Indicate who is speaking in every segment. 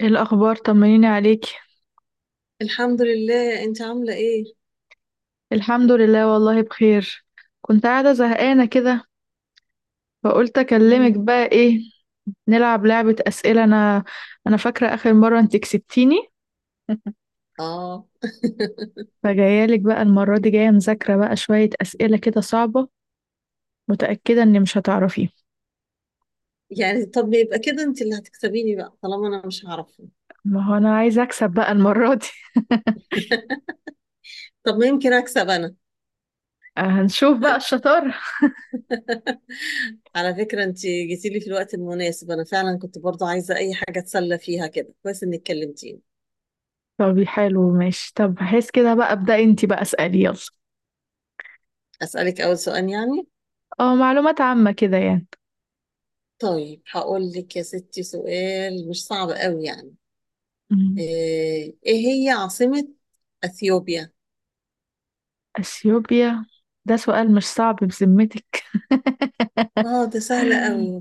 Speaker 1: ايه الاخبار؟ طمنيني عليكي.
Speaker 2: الحمد لله، انت عامله ايه؟
Speaker 1: الحمد لله والله بخير. كنت قاعده زهقانه كده، فقلت اكلمك
Speaker 2: مم.
Speaker 1: بقى. ايه، نلعب لعبه اسئله. انا فاكره اخر مره انت كسبتيني.
Speaker 2: اه.
Speaker 1: فجايه لك بقى المره دي، جايه مذاكره بقى شويه اسئله كده صعبه، متاكده اني مش هتعرفيه.
Speaker 2: يعني طب يبقى كده انت اللي هتكسبيني بقى طالما انا مش هعرفه.
Speaker 1: ما هو انا عايزه اكسب بقى المره دي.
Speaker 2: طب ما يمكن اكسب انا.
Speaker 1: هنشوف بقى الشطاره.
Speaker 2: على فكره انت جيتي لي في الوقت المناسب، انا فعلا كنت برضو عايزه اي حاجه اتسلى فيها كده، كويس انك كلمتيني.
Speaker 1: طب حلو، ماشي، طب بحيث كده بقى ابدأي انت بقى، اسالي يلا.
Speaker 2: اسالك اول سؤال يعني؟
Speaker 1: اه، معلومات عامه كده.
Speaker 2: طيب هقول لك يا ستي سؤال مش صعب قوي يعني.
Speaker 1: يعني.
Speaker 2: ايه هي عاصمه اثيوبيا؟
Speaker 1: اثيوبيا. ده سؤال مش صعب بذمتك؟
Speaker 2: اه ده سهل قوي.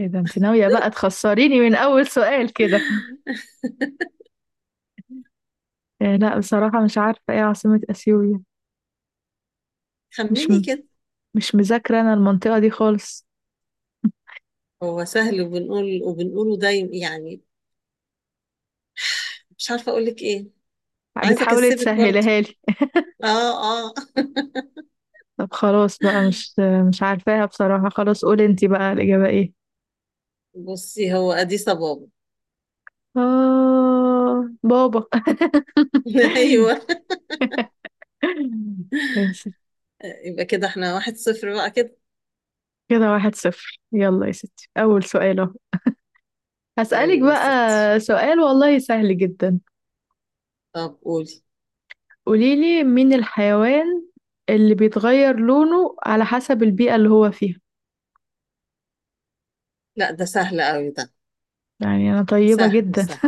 Speaker 1: ايه ده؟ انت ناوية بقى تخسريني من اول سؤال كده؟ إيه، لا بصراحة مش عارفة ايه عاصمة اثيوبيا. مش
Speaker 2: خمني
Speaker 1: م...
Speaker 2: كده.
Speaker 1: مش مذاكرة انا المنطقة دي خالص.
Speaker 2: هو سهل وبنقول وبنقوله دايما يعني. مش عارفة اقول لك ايه، عايزة
Speaker 1: بتحاولي
Speaker 2: اكسبك
Speaker 1: تسهلها
Speaker 2: برضه.
Speaker 1: لي.
Speaker 2: اه. اه
Speaker 1: طب خلاص بقى، مش عارفاها بصراحة، خلاص قولي انت بقى الإجابة ايه.
Speaker 2: بصي، هو اديس بابا.
Speaker 1: آه، بابا.
Speaker 2: ايوه.
Speaker 1: ماشي.
Speaker 2: يبقى كده احنا واحد صفر بقى كده.
Speaker 1: كده واحد صفر، يلا يا ستي أول سؤال اهو. هسألك
Speaker 2: طيب يا ستي.
Speaker 1: بقى سؤال والله سهل جدا.
Speaker 2: طب قولي.
Speaker 1: قوليلي مين الحيوان اللي بيتغير لونه على حسب البيئة اللي هو فيها.
Speaker 2: لا ده سهل قوي ده.
Speaker 1: يعني أنا طيبة
Speaker 2: سهل
Speaker 1: جدا.
Speaker 2: سهل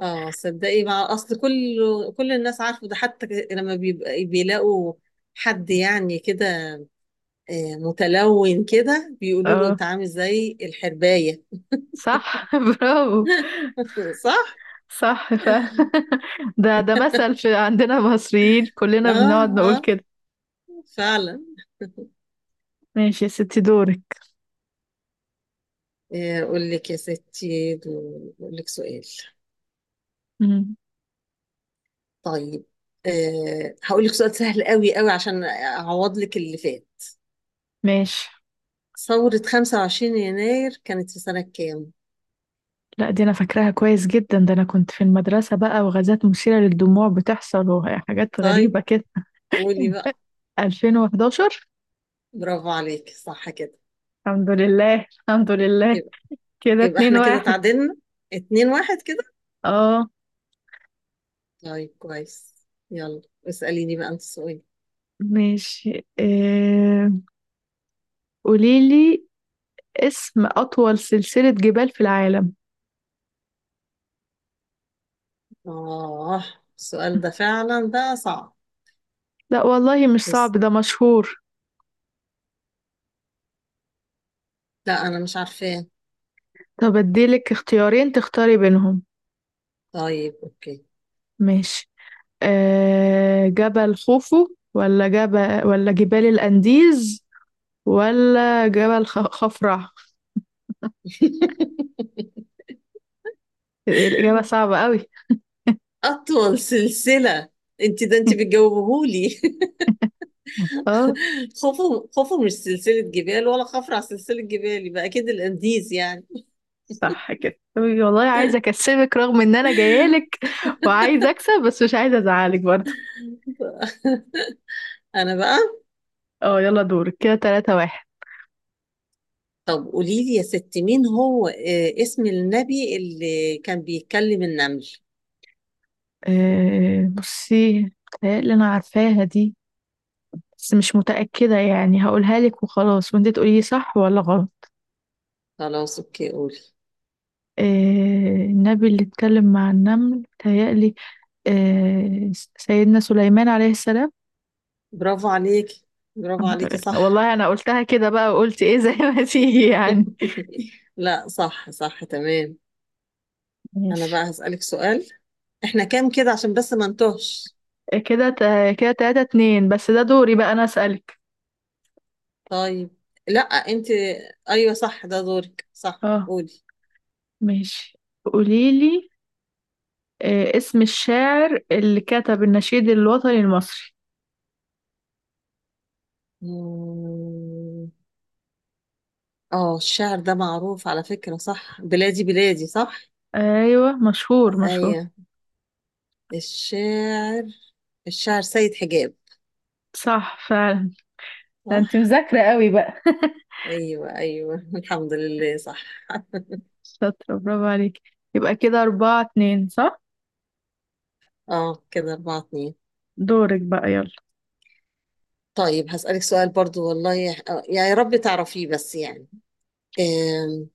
Speaker 2: اه صدقي، مع اصل كل الناس عارفه ده حتى، لما بيبقى بيلاقوا حد يعني كده متلون كده، بيقولوا له
Speaker 1: اه،
Speaker 2: انت عامل زي الحرباية.
Speaker 1: صح، برافو.
Speaker 2: صح؟
Speaker 1: صح فعلا. ده مثل في عندنا مصريين كلنا
Speaker 2: اه.
Speaker 1: بنقعد نقول
Speaker 2: آه.
Speaker 1: كده.
Speaker 2: فعلا.
Speaker 1: ماشي يا ستي، دورك.
Speaker 2: اقول لك يا ستي اقول لك سؤال.
Speaker 1: مم.
Speaker 2: طيب، هقول لك سؤال سهل قوي قوي عشان اعوض لك اللي فات.
Speaker 1: ماشي.
Speaker 2: ثورة 25 يناير كانت في سنة كام؟
Speaker 1: لا، دي أنا فاكراها كويس جدا، ده أنا كنت في المدرسة بقى وغازات مثيرة للدموع بتحصل وحاجات
Speaker 2: طيب
Speaker 1: غريبة كده.
Speaker 2: قولي بقى.
Speaker 1: 2011.
Speaker 2: برافو عليك، صح كده.
Speaker 1: الحمد لله. الحمد لله.
Speaker 2: يبقى
Speaker 1: كده اتنين
Speaker 2: احنا كده
Speaker 1: واحد،
Speaker 2: تعادلنا، اتنين واحد كده.
Speaker 1: اه.
Speaker 2: طيب كويس. يلا اسأليني بقى انت سؤال.
Speaker 1: ماشي، قوليلي اسم أطول سلسلة جبال في العالم.
Speaker 2: اه، السؤال ده فعلا بقى صعب.
Speaker 1: لا والله، مش صعب،
Speaker 2: بس
Speaker 1: ده مشهور.
Speaker 2: لا انا مش عارفاه.
Speaker 1: طب اديلك اختيارين تختاري بينهم.
Speaker 2: طيب اوكي.
Speaker 1: ماشي. جبل خوفو، ولا جبل ولا جبال الأنديز، ولا خفرع؟ الإجابة صعبة قوي.
Speaker 2: اطول سلسله؟ انت ده انت بتجاوبهولي.
Speaker 1: اه
Speaker 2: خوفه خوفه مش سلسله جبال، ولا خفر على سلسله جبال، يبقى اكيد الانديز يعني.
Speaker 1: صح كده، طيب والله عايزة أكسبك رغم إن أنا جايالك وعايزة أكسب، بس مش عايزة أزعلك برضه.
Speaker 2: انا بقى.
Speaker 1: اه، يلا دورك، كده تلاتة واحد.
Speaker 2: طب قولي لي يا ست، مين هو اسم النبي اللي كان بيتكلم النمل.
Speaker 1: بصي، اللي انا عارفاها دي، بس مش متأكدة يعني، هقولها لك وخلاص وانت تقولي لي صح ولا غلط.
Speaker 2: خلاص اوكي قولي.
Speaker 1: آه، النبي اللي اتكلم مع النمل تهيألي سيدنا سليمان عليه السلام.
Speaker 2: برافو عليكي. برافو
Speaker 1: الحمد
Speaker 2: عليكي
Speaker 1: لله،
Speaker 2: صح.
Speaker 1: والله انا قلتها كده بقى وقلت ايه زي ما تيجي يعني.
Speaker 2: لا صح صح تمام. انا
Speaker 1: ماشي.
Speaker 2: بقى هسألك سؤال. احنا كام كده عشان بس ما نتوهش.
Speaker 1: كده تلاتة اتنين، بس ده دوري بقى انا اسألك.
Speaker 2: طيب. لا انت، ايوه صح ده دورك صح.
Speaker 1: اه،
Speaker 2: قولي.
Speaker 1: ماشي. قوليلي اسم الشاعر اللي كتب النشيد الوطني المصري.
Speaker 2: مم. اه الشعر ده معروف على فكرة، صح؟ بلادي بلادي، صح؟
Speaker 1: ايوه، مشهور مشهور.
Speaker 2: ايوه. الشاعر، سيد حجاب.
Speaker 1: صح فعلا. ده انت
Speaker 2: صح.
Speaker 1: مذاكرة قوي بقى.
Speaker 2: ايوه ايوه، الحمد لله صح.
Speaker 1: شاطرة، برافو عليك. يبقى كده أربعة اتنين، صح.
Speaker 2: اه كده اربعة اتنين.
Speaker 1: دورك بقى، يلا.
Speaker 2: طيب هسألك سؤال برضو، والله يا يعني يا رب تعرفيه بس يعني. آم،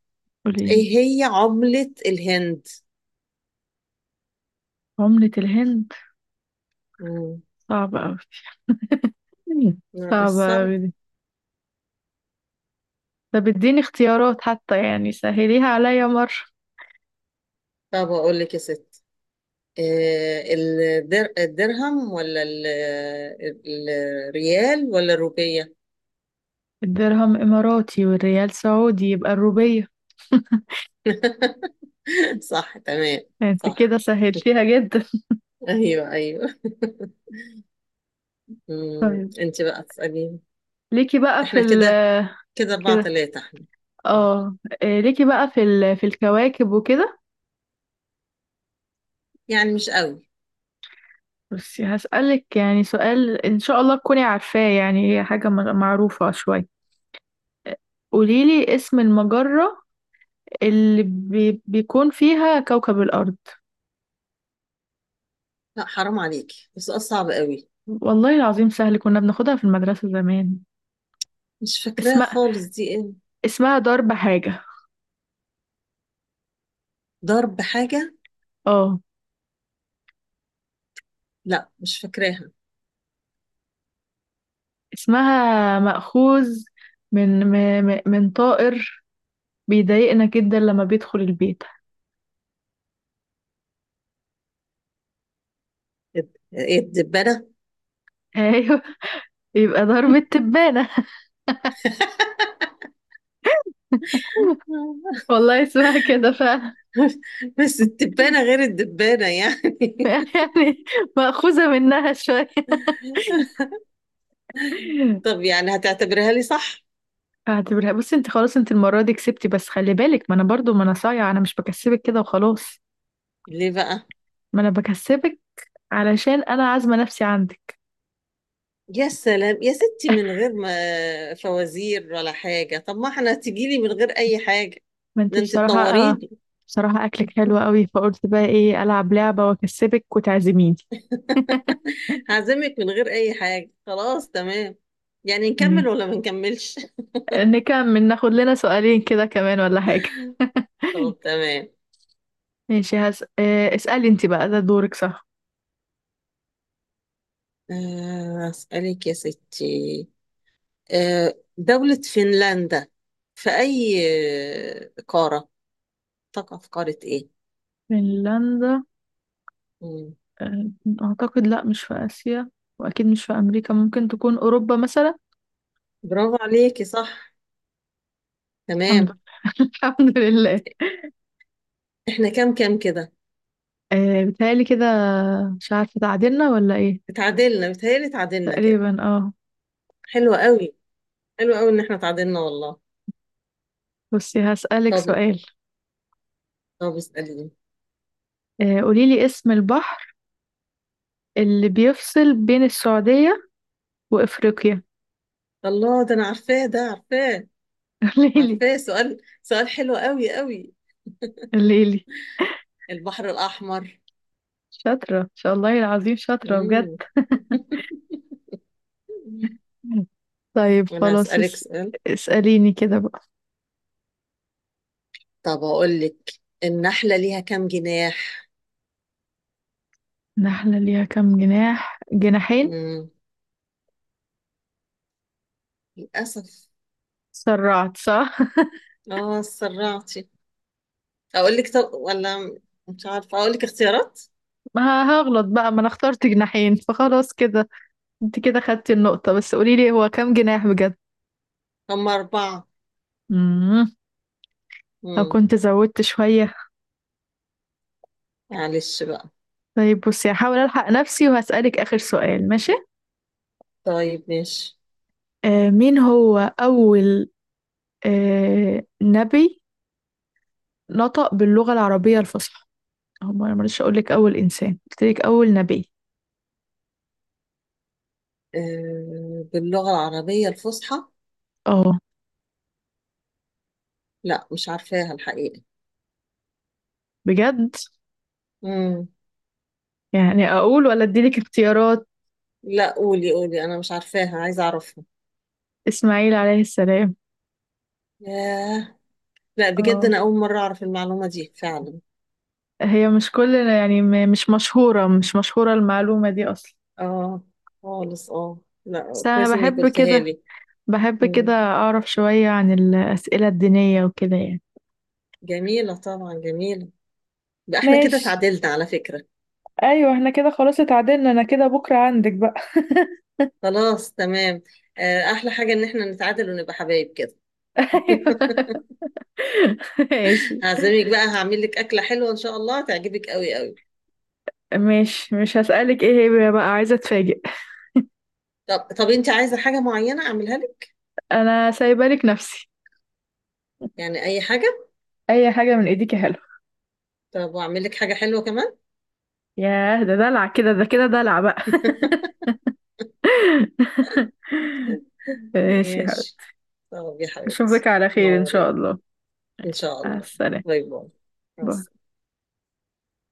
Speaker 1: قوليلي
Speaker 2: ايه هي عملة الهند؟
Speaker 1: عملة الهند.
Speaker 2: مم.
Speaker 1: صعبة أوي.
Speaker 2: لا مش
Speaker 1: صعبة
Speaker 2: صعب.
Speaker 1: أوي دي. طب اديني اختيارات حتى يعني سهليها عليا مرة.
Speaker 2: طب اقول لك يا ستي، آه، الدرهم ولا ال- الريال ولا الروبية؟
Speaker 1: الدرهم إماراتي والريال سعودي، يبقى الروبية.
Speaker 2: صح تمام.
Speaker 1: انت
Speaker 2: صح.
Speaker 1: كده سهلتيها جدا.
Speaker 2: ايوه ايوه. مم،
Speaker 1: طيب،
Speaker 2: انت بقى تسألين.
Speaker 1: ليكي بقى في
Speaker 2: احنا كده،
Speaker 1: ال
Speaker 2: اربعة
Speaker 1: كده.
Speaker 2: تلاتة احنا.
Speaker 1: اه. إيه، ليكي بقى في الكواكب وكده.
Speaker 2: يعني مش قوي.
Speaker 1: بس هسألك يعني سؤال، إن شاء الله تكوني عارفاه، يعني هي حاجة معروفة شوية. قوليلي اسم المجرة اللي بيكون فيها كوكب الأرض.
Speaker 2: لا حرام عليكي، بس سؤال صعب قوي.
Speaker 1: والله العظيم سهل، كنا بناخدها في المدرسة زمان.
Speaker 2: مش فاكراها
Speaker 1: اسمها
Speaker 2: خالص، دي ايه؟
Speaker 1: اسمها درب حاجة.
Speaker 2: ضرب حاجة؟
Speaker 1: اه.
Speaker 2: لا مش فاكراها.
Speaker 1: اسمها مأخوذ من طائر بيضايقنا جدا لما بيدخل البيت.
Speaker 2: ايه الدبانة؟
Speaker 1: ايوه. يبقى درب التبانة. والله اسمها كده فعلا.
Speaker 2: بس التبانة غير الدبانة يعني.
Speaker 1: يعني، مأخوذة منها شوية.
Speaker 2: طب يعني هتعتبرها لي صح؟
Speaker 1: اعتبرها، بصي انت خلاص، انت المرة دي كسبتي بس خلي بالك، ما انا برضو ما انا صايعة، انا مش بكسبك كده وخلاص.
Speaker 2: ليه بقى؟
Speaker 1: ما انا بكسبك علشان انا عازمة نفسي عندك.
Speaker 2: يا سلام يا ستي، من غير ما فوازير ولا حاجة، طب ما احنا تجيلي من غير أي حاجة.
Speaker 1: ما انت
Speaker 2: ده انت
Speaker 1: بصراحة، آه،
Speaker 2: تنوريني.
Speaker 1: بصراحة اكلك حلو قوي، فقلت بقى ايه، العب لعبة واكسبك وتعزميني.
Speaker 2: هعزمك من غير أي حاجة، خلاص تمام. يعني نكمل
Speaker 1: ماشي.
Speaker 2: ولا ما نكملش؟
Speaker 1: نكمل، ناخد لنا سؤالين كده كمان ولا حاجة؟
Speaker 2: طب تمام.
Speaker 1: ماشي. هس... آه، اسألي انت بقى، ده دورك صح.
Speaker 2: أسألك يا ستي. دولة فنلندا في أي قارة، تقع في قارة إيه؟
Speaker 1: فنلندا.
Speaker 2: مم.
Speaker 1: آه، اعتقد لا مش في اسيا. واكيد مش في امريكا، ممكن تكون اوروبا مثلا.
Speaker 2: برافو عليكي، صح
Speaker 1: الحمد
Speaker 2: تمام.
Speaker 1: لله. الحمد لله.
Speaker 2: احنا كام كام كده؟
Speaker 1: آه، بتهيألي كده، مش عارفة تعادلنا ولا ايه.
Speaker 2: اتعادلنا بيتهيألي، اتعادلنا كده.
Speaker 1: تقريبا، اه.
Speaker 2: حلوة قوي، ان احنا اتعادلنا والله.
Speaker 1: بصي، هسألك
Speaker 2: طب،
Speaker 1: سؤال.
Speaker 2: اسأليني.
Speaker 1: قوليلي اسم البحر اللي بيفصل بين السعودية وإفريقيا.
Speaker 2: الله ده انا عارفاه، ده عارفاه.
Speaker 1: قوليلي.
Speaker 2: عارفاه، سؤال حلو قوي قوي.
Speaker 1: قوليلي.
Speaker 2: البحر الأحمر.
Speaker 1: شاطرة، ان شاء الله العظيم شاطرة بجد.
Speaker 2: مم.
Speaker 1: طيب
Speaker 2: انا
Speaker 1: خلاص
Speaker 2: هسألك
Speaker 1: اس...
Speaker 2: سؤال.
Speaker 1: اسأليني كده بقى.
Speaker 2: طب اقول لك، النحلة ليها كام جناح؟
Speaker 1: نحلة ليها كام جناح؟ جناحين.
Speaker 2: مم. للأسف.
Speaker 1: سرعت، صح.
Speaker 2: اه سرعتي. اقول لك طب، ولا مش عارفة اقول لك اختيارات.
Speaker 1: ما هغلط بقى، ما انا اخترت جناحين فخلاص كده. انت كده خدتي النقطة، بس قوليلي هو كام جناح بجد؟
Speaker 2: هم أربعة.
Speaker 1: امم. لو
Speaker 2: مم.
Speaker 1: كنت زودت شوية.
Speaker 2: معلش بقى.
Speaker 1: طيب، بصي، هحاول ألحق نفسي وهسألك آخر سؤال، ماشي.
Speaker 2: طيب ماشي.
Speaker 1: مين هو أول نبي نطق باللغة العربية الفصحى؟ هو ما مرضتش أقولك أول إنسان، قلتلك أول نبي.
Speaker 2: باللغة العربية الفصحى؟
Speaker 1: اه،
Speaker 2: لا مش عارفاها الحقيقة.
Speaker 1: بجد.
Speaker 2: مم.
Speaker 1: يعني أقول ولا أديلك اختيارات؟
Speaker 2: لا قولي قولي، أنا مش عارفاها عايزة أعرفها.
Speaker 1: إسماعيل عليه السلام.
Speaker 2: ياه. لا بجد،
Speaker 1: اه.
Speaker 2: أنا أول مرة أعرف المعلومة دي فعلا.
Speaker 1: هي مش كل يعني، مش مشهورة مش مشهورة المعلومة دي أصلا.
Speaker 2: آه خالص. آه
Speaker 1: بس
Speaker 2: لا
Speaker 1: أنا
Speaker 2: كويس إنك
Speaker 1: بحب
Speaker 2: قلتها
Speaker 1: كده،
Speaker 2: لي.
Speaker 1: بحب كده
Speaker 2: مم.
Speaker 1: أعرف شوية عن الأسئلة الدينية وكده يعني.
Speaker 2: جميلة طبعا جميلة. ده إحنا كده
Speaker 1: ماشي.
Speaker 2: تعادلنا على فكرة.
Speaker 1: ايوه، احنا كده خلاص اتعادلنا، انا كده بكره عندك بقى.
Speaker 2: خلاص تمام. أحلى حاجة إن إحنا نتعادل ونبقى حبايب كده.
Speaker 1: أيوة. ماشي.
Speaker 2: هعزمك بقى، هعمل لك أكلة حلوة إن شاء الله تعجبك قوي قوي.
Speaker 1: ماشي، مش هسألك ايه. هي بقى عايزة اتفاجئ.
Speaker 2: طب، أنت عايزة حاجة معينة أعملها لك؟
Speaker 1: أنا سايبالك نفسي.
Speaker 2: يعني اي حاجه.
Speaker 1: اي حاجه من ايديك يا حلو.
Speaker 2: طب واعمل لك حاجه حلوه كمان.
Speaker 1: ياه، ده دلع كده، ده كده دلع بقى. ماشي يا حبيبي.
Speaker 2: ماشي. طب يا حبيبتي،
Speaker 1: أشوفك على خير إن شاء
Speaker 2: نورين.
Speaker 1: الله.
Speaker 2: ان
Speaker 1: ماشي،
Speaker 2: شاء
Speaker 1: مع
Speaker 2: الله.
Speaker 1: السلامة.
Speaker 2: باي باي. مع
Speaker 1: باي.
Speaker 2: السلامة.